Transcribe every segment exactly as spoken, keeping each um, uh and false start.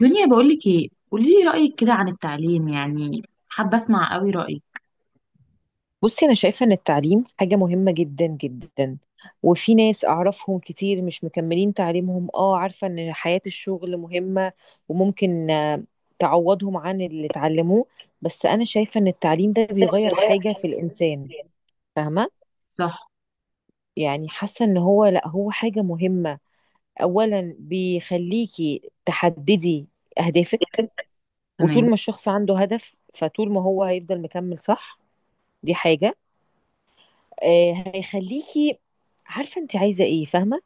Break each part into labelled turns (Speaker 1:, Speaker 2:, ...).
Speaker 1: دنيا، بقولك ايه، قولي لي رأيك كده عن التعليم يعني. حابة اسمع قوي رأيك.
Speaker 2: بصي، أنا شايفة إن التعليم حاجة مهمة جدا جدا. وفي ناس أعرفهم كتير مش مكملين تعليمهم، آه عارفة إن حياة الشغل مهمة وممكن آه، تعوضهم عن اللي اتعلموه. بس أنا شايفة إن التعليم ده بيغير حاجة في الإنسان. فاهمة؟
Speaker 1: صح.
Speaker 2: يعني حاسة إن هو لأ، هو حاجة مهمة. أولا بيخليكي تحددي أهدافك،
Speaker 1: تمام.
Speaker 2: وطول ما الشخص عنده هدف فطول ما هو هيفضل مكمل، صح؟ دي حاجة. آه، هيخليكي عارفة انت عايزة ايه، فاهمة.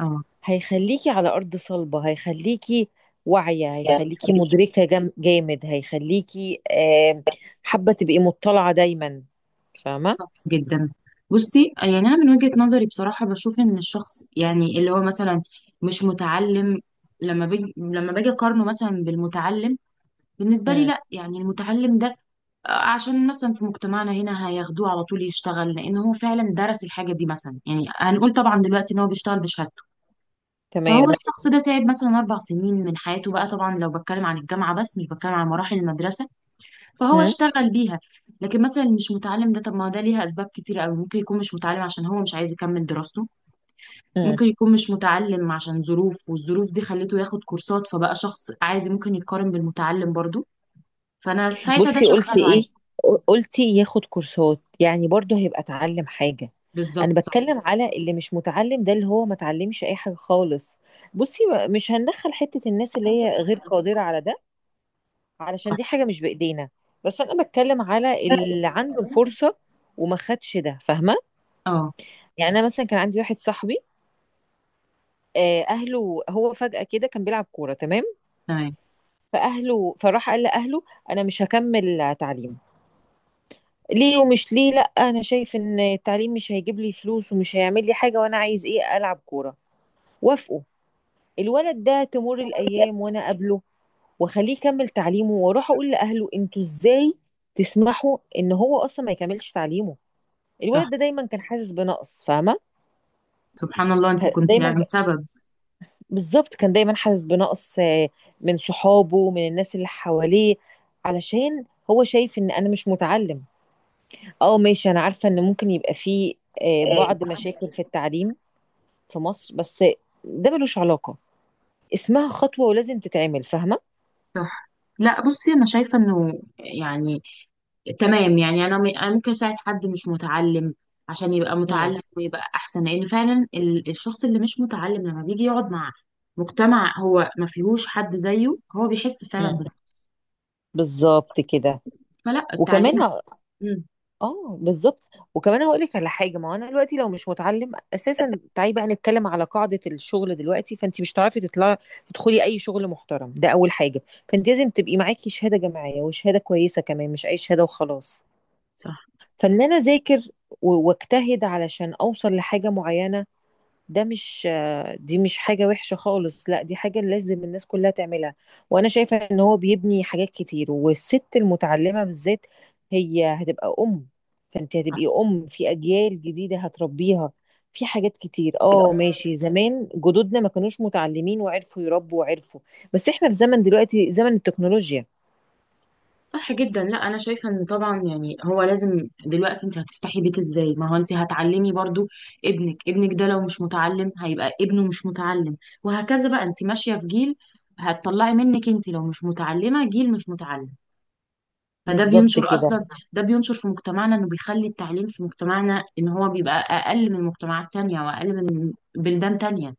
Speaker 1: اه.
Speaker 2: هيخليكي على أرض صلبة، هيخليكي واعية،
Speaker 1: يعني.
Speaker 2: هيخليكي مدركة جام- جامد، هيخليكي آه، حابة تبقي مطلعة دايما، فاهمة.
Speaker 1: صح جدا. بصي، يعني انا من وجهة نظري بصراحة بشوف ان الشخص يعني اللي هو مثلا مش متعلم، لما بيجي لما باجي اقارنه مثلا بالمتعلم، بالنسبة لي
Speaker 2: مم.
Speaker 1: لا، يعني المتعلم ده، آه، عشان مثلا في مجتمعنا هنا هياخدوه على طول يشتغل لان هو فعلا درس الحاجة دي، مثلا يعني هنقول طبعا دلوقتي ان هو بيشتغل بشهادته. فهو
Speaker 2: تمام.
Speaker 1: الشخص ده تعب مثلا أربع سنين من حياته، بقى طبعا لو بتكلم عن الجامعة بس، مش بتكلم عن مراحل المدرسة، فهو
Speaker 2: مم.
Speaker 1: اشتغل بيها. لكن مثلا اللي مش متعلم ده، طب ما ده ليها أسباب كتيرة أوي. ممكن يكون مش متعلم عشان هو مش عايز يكمل دراسته.
Speaker 2: مم.
Speaker 1: ممكن يكون مش متعلم عشان ظروف، والظروف دي خلته ياخد كورسات، فبقى شخص عادي ممكن يتقارن بالمتعلم برضو، فأنا ساعتها ده
Speaker 2: بصي
Speaker 1: شغاله
Speaker 2: قلتي ايه؟
Speaker 1: عادي.
Speaker 2: قلتي ياخد كورسات يعني برضه هيبقى اتعلم حاجة. انا
Speaker 1: بالظبط صح.
Speaker 2: بتكلم على اللي مش متعلم ده، اللي هو ما اتعلمش اي حاجة خالص. بصي، مش هندخل حتة الناس اللي هي غير قادرة على ده، علشان
Speaker 1: صح.
Speaker 2: دي حاجة مش بإيدينا. بس أنا بتكلم على اللي عنده الفرصة وما خدش ده، فاهمة؟
Speaker 1: اه.
Speaker 2: يعني أنا مثلا كان عندي واحد صاحبي. آه، أهله، هو فجأة كده كان بيلعب كورة، تمام؟
Speaker 1: تمام.
Speaker 2: فأهله، فراح قال لأهله أنا مش هكمل تعليم، ليه؟ ومش ليه، لأ أنا شايف إن التعليم مش هيجيب لي فلوس ومش هيعمل لي حاجة، وأنا عايز إيه؟ ألعب كورة. وافقوا. الولد ده تمر الأيام وأنا أقابله وأخليه يكمل تعليمه، وأروح أقول لأهله أنتوا إزاي تسمحوا إن هو أصلا ما يكملش تعليمه؟
Speaker 1: صح.
Speaker 2: الولد ده دايما كان حاسس بنقص، فاهمه.
Speaker 1: سبحان الله، أنت
Speaker 2: ه-
Speaker 1: كنت
Speaker 2: دايما مم.
Speaker 1: يعني.
Speaker 2: ك- بالظبط، كان دايما حاسس بنقص آه، من صحابه، من الناس اللي حواليه، علشان هو شايف ان انا مش متعلم. اه ماشي، انا عارفه ان ممكن يبقى فيه آه،
Speaker 1: سبب.
Speaker 2: بعض مشاكل في التعليم في مصر، بس ده ملوش علاقه. اسمها خطوه ولازم تتعمل، فاهمه.
Speaker 1: صح. لا بصي، انا شايفه انه يعني تمام. يعني انا م- أنا ممكن اساعد حد مش متعلم عشان يبقى
Speaker 2: مم.
Speaker 1: متعلم ويبقى احسن، لان فعلا ال- الشخص اللي مش متعلم لما بيجي يقعد مع مجتمع هو ما فيهوش حد زيه، هو بيحس فعلا
Speaker 2: مم.
Speaker 1: بالراحه،
Speaker 2: بالظبط كده.
Speaker 1: فلا التعليم
Speaker 2: وكمان.
Speaker 1: مم،
Speaker 2: اه بالظبط. وكمان هقول لك على حاجه. ما هو انا دلوقتي لو مش متعلم اساسا، تعالي بقى نتكلم على قاعده الشغل دلوقتي، فانت مش هتعرفي تطلعي تدخلي اي شغل محترم. ده اول حاجه. فانت لازم تبقي معاكي شهاده جامعيه وشهاده كويسه كمان، مش اي شهاده وخلاص.
Speaker 1: صح.
Speaker 2: فان انا اذاكر و- واجتهد علشان اوصل لحاجه معينه، ده مش، دي مش حاجة وحشة خالص، لا دي حاجة لازم الناس كلها تعملها. وانا شايفة ان هو بيبني حاجات كتير، والست المتعلمة بالذات هي هتبقى ام، فانت هتبقي ام في اجيال جديدة هتربيها في حاجات كتير. اه ماشي، زمان جدودنا ما كانوش متعلمين وعرفوا يربوا وعرفوا، بس احنا في زمن دلوقتي، زمن التكنولوجيا.
Speaker 1: صح جدا. لا انا شايفه ان طبعا يعني هو لازم دلوقتي، انت هتفتحي بيت ازاي؟ ما هو انت هتعلمي برضو، ابنك ابنك ده لو مش متعلم هيبقى ابنه مش متعلم، وهكذا بقى، انت ماشيه في جيل. هتطلعي منك انت لو مش متعلمه جيل مش متعلم. فده
Speaker 2: بالظبط
Speaker 1: بينشر
Speaker 2: كده.
Speaker 1: اصلا، ده بينشر في مجتمعنا، انه بيخلي التعليم في مجتمعنا ان هو بيبقى اقل من مجتمعات تانية واقل من بلدان تانية.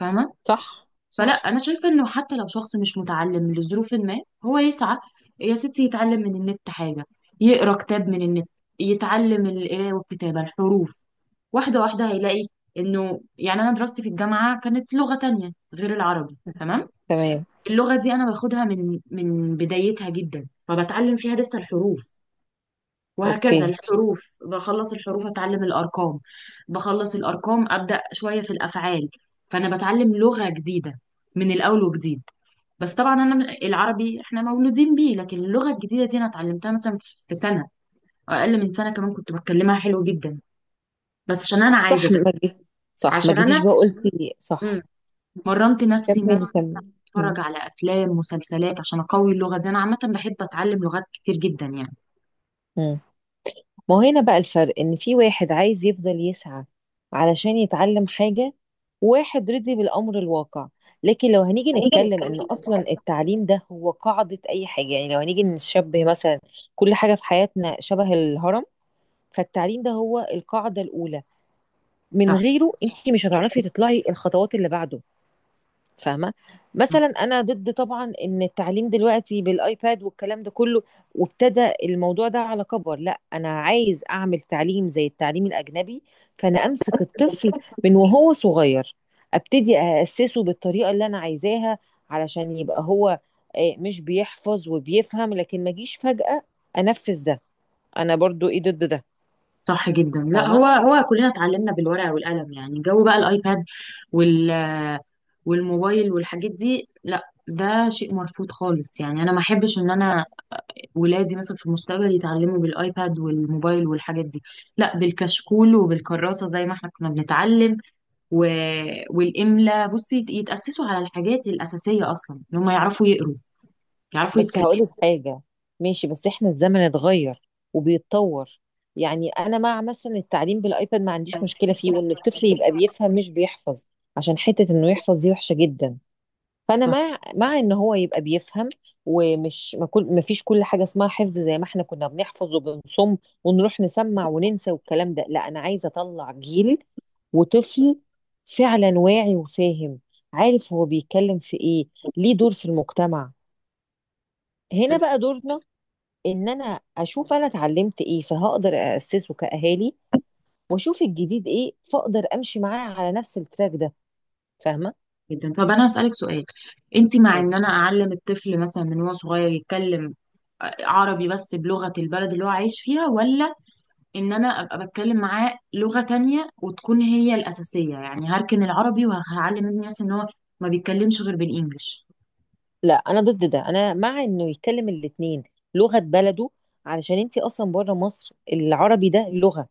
Speaker 1: فاهمه؟
Speaker 2: صح
Speaker 1: فلا
Speaker 2: صح.
Speaker 1: انا شايفه انه حتى لو شخص مش متعلم لظروف ما، هو يسعى، يا ستي يتعلم من النت حاجه، يقرا كتاب من النت، يتعلم القرايه والكتابه، الحروف واحده واحده هيلاقي انه يعني. انا دراستي في الجامعه كانت لغه تانية غير العربي، تمام؟
Speaker 2: تمام.
Speaker 1: اللغه دي انا باخدها من من بدايتها جدا، فبتعلم فيها لسه الحروف وهكذا.
Speaker 2: اوكي.
Speaker 1: الحروف بخلص، الحروف اتعلم الارقام، بخلص الارقام ابدا شويه في الافعال، فانا بتعلم لغه جديده من الاول وجديد. بس طبعا انا العربي احنا مولودين بيه، لكن اللغه الجديده دي انا اتعلمتها مثلا في سنه أو اقل من سنه كمان، كنت بتكلمها حلو جدا، بس عشان انا عايزه
Speaker 2: صح،
Speaker 1: ده.
Speaker 2: ما جيت، صح ما
Speaker 1: عشان
Speaker 2: جيتيش،
Speaker 1: انا
Speaker 2: بقى قلتي صح.
Speaker 1: مم. مرنت نفسي ان انا
Speaker 2: كملي كملي.
Speaker 1: اتفرج على افلام مسلسلات عشان اقوي اللغه دي. انا عامه بحب اتعلم لغات كتير جدا يعني.
Speaker 2: مم. ما هو هنا بقى الفرق ان في واحد عايز يفضل يسعى علشان يتعلم حاجة، واحد رضي بالامر الواقع. لكن لو هنيجي
Speaker 1: هنيجي
Speaker 2: نتكلم ان
Speaker 1: نتكلم عن النقط.
Speaker 2: اصلا التعليم ده هو قاعدة اي حاجة، يعني لو هنيجي نشبه مثلا كل حاجة في حياتنا شبه الهرم، فالتعليم ده هو القاعدة الاولى، من
Speaker 1: صح.
Speaker 2: غيره انت مش هتعرفي تطلعي الخطوات اللي بعده، فاهمة؟ مثلا أنا ضد طبعا إن التعليم دلوقتي بالآيباد والكلام ده كله، وابتدى الموضوع ده على كبر. لا، أنا عايز أعمل تعليم زي التعليم الأجنبي، فأنا أمسك
Speaker 1: صح.
Speaker 2: الطفل من وهو صغير، أبتدي أأسسه بالطريقة اللي أنا عايزاها، علشان يبقى هو آه، مش بيحفظ وبيفهم. لكن ما جيش فجأة أنفذ ده، أنا برضو إيه ضد ده،
Speaker 1: صح جدا. لا هو
Speaker 2: فاهمة؟
Speaker 1: هو كلنا اتعلمنا بالورقة والقلم يعني، جو بقى الايباد وال والموبايل والحاجات دي، لا، ده شيء مرفوض خالص يعني. انا ما احبش ان انا ولادي مثلا في المستقبل يتعلموا بالايباد والموبايل والحاجات دي، لا، بالكشكول وبالكراسة زي ما احنا كنا بنتعلم و... والإملا. بصي يتأسسوا على الحاجات الأساسية اصلا، ان هم يعرفوا يقروا، يعرفوا
Speaker 2: بس
Speaker 1: يتكلموا.
Speaker 2: هقولك حاجة، ماشي بس احنا الزمن اتغير وبيتطور. يعني انا مع مثلا التعليم بالايباد، ما عنديش مشكلة فيه، وان الطفل يبقى بيفهم مش بيحفظ، عشان حتة انه يحفظ دي وحشة جدا. فانا
Speaker 1: صح.
Speaker 2: مع مع ان هو يبقى بيفهم، ومش ما كل ما فيش كل حاجة اسمها حفظ زي ما احنا كنا بنحفظ وبنصم ونروح نسمع وننسى والكلام ده. لا، انا عايزة اطلع جيل وطفل فعلا واعي وفاهم، عارف هو بيتكلم في ايه، ليه دور في المجتمع. هنا
Speaker 1: صح
Speaker 2: بقى دورنا ان انا اشوف انا اتعلمت ايه فهقدر اسسه كاهالي، واشوف الجديد ايه فاقدر امشي معاه على نفس التراك ده، فاهمه.
Speaker 1: جدا. طب انا هسألك سؤال. انت مع ان انا اعلم الطفل مثلا من هو صغير يتكلم عربي بس بلغة البلد اللي هو عايش فيها، ولا ان انا ابقى بتكلم معاه لغة تانية وتكون هي الأساسية، يعني هركن العربي وهعلم ابني مثلا ان هو ما بيتكلمش غير بالانجلش؟
Speaker 2: لا، انا ضد ده، انا مع انه يتكلم الاتنين، لغه بلده، علشان انتي اصلا بره مصر العربي ده لغه،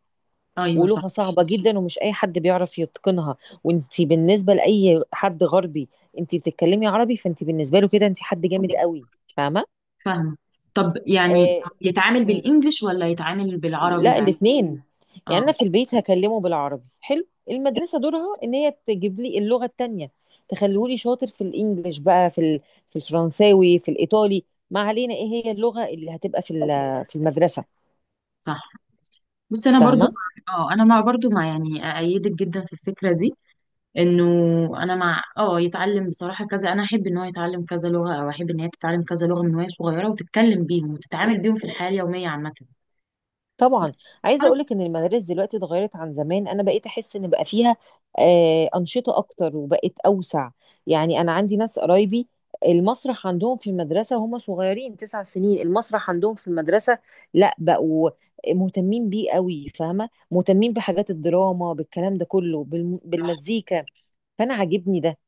Speaker 1: ايوه
Speaker 2: ولغه
Speaker 1: صح.
Speaker 2: صعبه جدا ومش اي حد بيعرف يتقنها. وانتي بالنسبه لاي حد غربي، انتي بتتكلمي عربي، فانتي بالنسبه له كده انتي حد جامد قوي، فاهمه.
Speaker 1: فاهمة. طب يعني يتعامل
Speaker 2: آه.
Speaker 1: بالانجلش ولا يتعامل بالعربي
Speaker 2: لا،
Speaker 1: يعني؟
Speaker 2: الاثنين الاتنين. يعني انا
Speaker 1: اه.
Speaker 2: في البيت هكلمه بالعربي حلو، المدرسه دورها ان هي تجيب لي اللغه التانية، تخليهولي شاطر في الانجليش بقى، في ال- في الفرنساوي، في الايطالي، ما علينا ايه هي اللغه اللي هتبقى في ال- في المدرسه،
Speaker 1: صح. بصي انا برضو،
Speaker 2: فاهمه.
Speaker 1: اه انا مع برضو، مع يعني ايدك جدا في الفكرة دي، انه انا مع اه يتعلم بصراحه كذا. انا احب ان هو يتعلم كذا لغه، او احب ان هي تتعلم كذا لغه من وهي صغيره وتتكلم بيهم وتتعامل بيهم في الحياه اليوميه عامه.
Speaker 2: طبعا. عايزه
Speaker 1: عارف-
Speaker 2: اقولك ان المدارس دلوقتي اتغيرت عن زمان، انا بقيت احس ان بقى فيها آه، انشطه اكتر وبقت اوسع. يعني انا عندي ناس قرايبي، المسرح عندهم في المدرسه، هم صغيرين تسع سنين، المسرح عندهم في المدرسه. لا، بقوا مهتمين بيه قوي، فاهمه، مهتمين بحاجات الدراما بالكلام ده كله بالم- بالمزيكا. فانا عاجبني ده.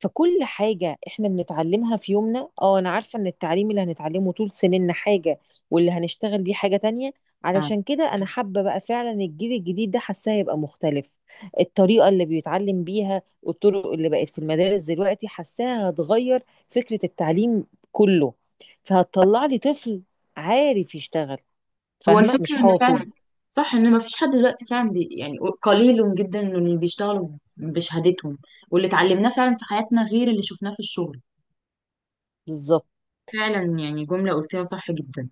Speaker 2: فكل حاجة احنا بنتعلمها في يومنا، اه انا عارفة ان التعليم اللي هنتعلمه طول سننا حاجة، واللي هنشتغل بيه حاجة تانية.
Speaker 1: آه.
Speaker 2: علشان كده انا حابة بقى فعلا الجيل الجديد ده، حاساه يبقى مختلف. الطريقة اللي بيتعلم بيها والطرق اللي بقت في المدارس دلوقتي، حاساها هتغير فكرة التعليم كله. فهتطلع لي طفل عارف يشتغل،
Speaker 1: هو
Speaker 2: فاهمة، مش
Speaker 1: الفكره ان
Speaker 2: حافظ.
Speaker 1: فعلا صح، ان ما فيش حد دلوقتي فعلا بي يعني قليل جدا إنه اللي بيشتغلوا بشهادتهم واللي اتعلمناه فعلا في حياتنا غير اللي شفناه في الشغل.
Speaker 2: بالظبط.
Speaker 1: فعلا يعني جمله قلتيها صح جدا.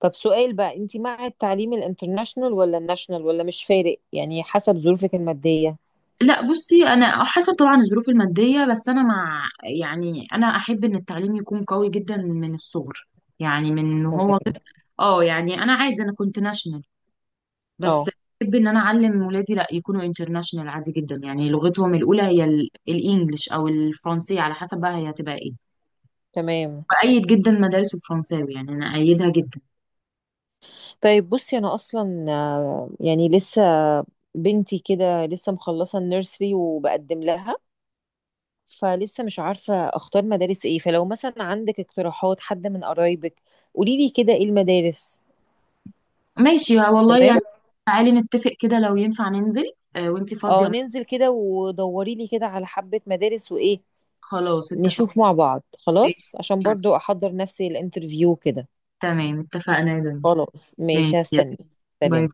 Speaker 2: طب سؤال بقى، انت مع التعليم الانترناشنال ولا الناشنال، ولا مش فارق يعني حسب ظروفك المادية؟
Speaker 1: لا بصي انا حسب طبعا الظروف الماديه، بس انا مع يعني. انا احب ان التعليم يكون قوي جدا من الصغر، يعني من
Speaker 2: تمام.
Speaker 1: هو. اه يعني انا عادي، انا كنت ناشونال بس.
Speaker 2: اه
Speaker 1: بحب ان انا اعلم ولادي لا، يكونوا انترناشونال عادي جدا، يعني لغتهم الاولى هي ال- الانجليش او الفرنسيه على حسب بقى هي هتبقى ايه.
Speaker 2: تمام.
Speaker 1: بأيد جدا مدارس الفرنساوي يعني، انا ايدها جدا.
Speaker 2: طيب بصي، انا اصلا آه، يعني لسه بنتي كده لسه مخلصه النيرسري وبقدم لها، فلسه مش عارفه اختار مدارس ايه. فلو مثلا عندك اقتراحات، حد من قرايبك، قولي لي كده ايه المدارس.
Speaker 1: ماشي. ها والله يعني،
Speaker 2: تمام.
Speaker 1: تعالي نتفق كده لو ينفع ننزل، آه وانتي
Speaker 2: اه،
Speaker 1: فاضيه.
Speaker 2: ننزل كده ودوري لي كده على حبه مدارس وايه،
Speaker 1: خلاص اتفقنا.
Speaker 2: نشوف مع بعض،
Speaker 1: ماشي.
Speaker 2: خلاص، عشان برضو احضر نفسي الانترفيو كده.
Speaker 1: تمام اتفقنا يا دنيا.
Speaker 2: خلاص ماشي،
Speaker 1: ماشي يلا.
Speaker 2: هستني.
Speaker 1: باي.
Speaker 2: سلام.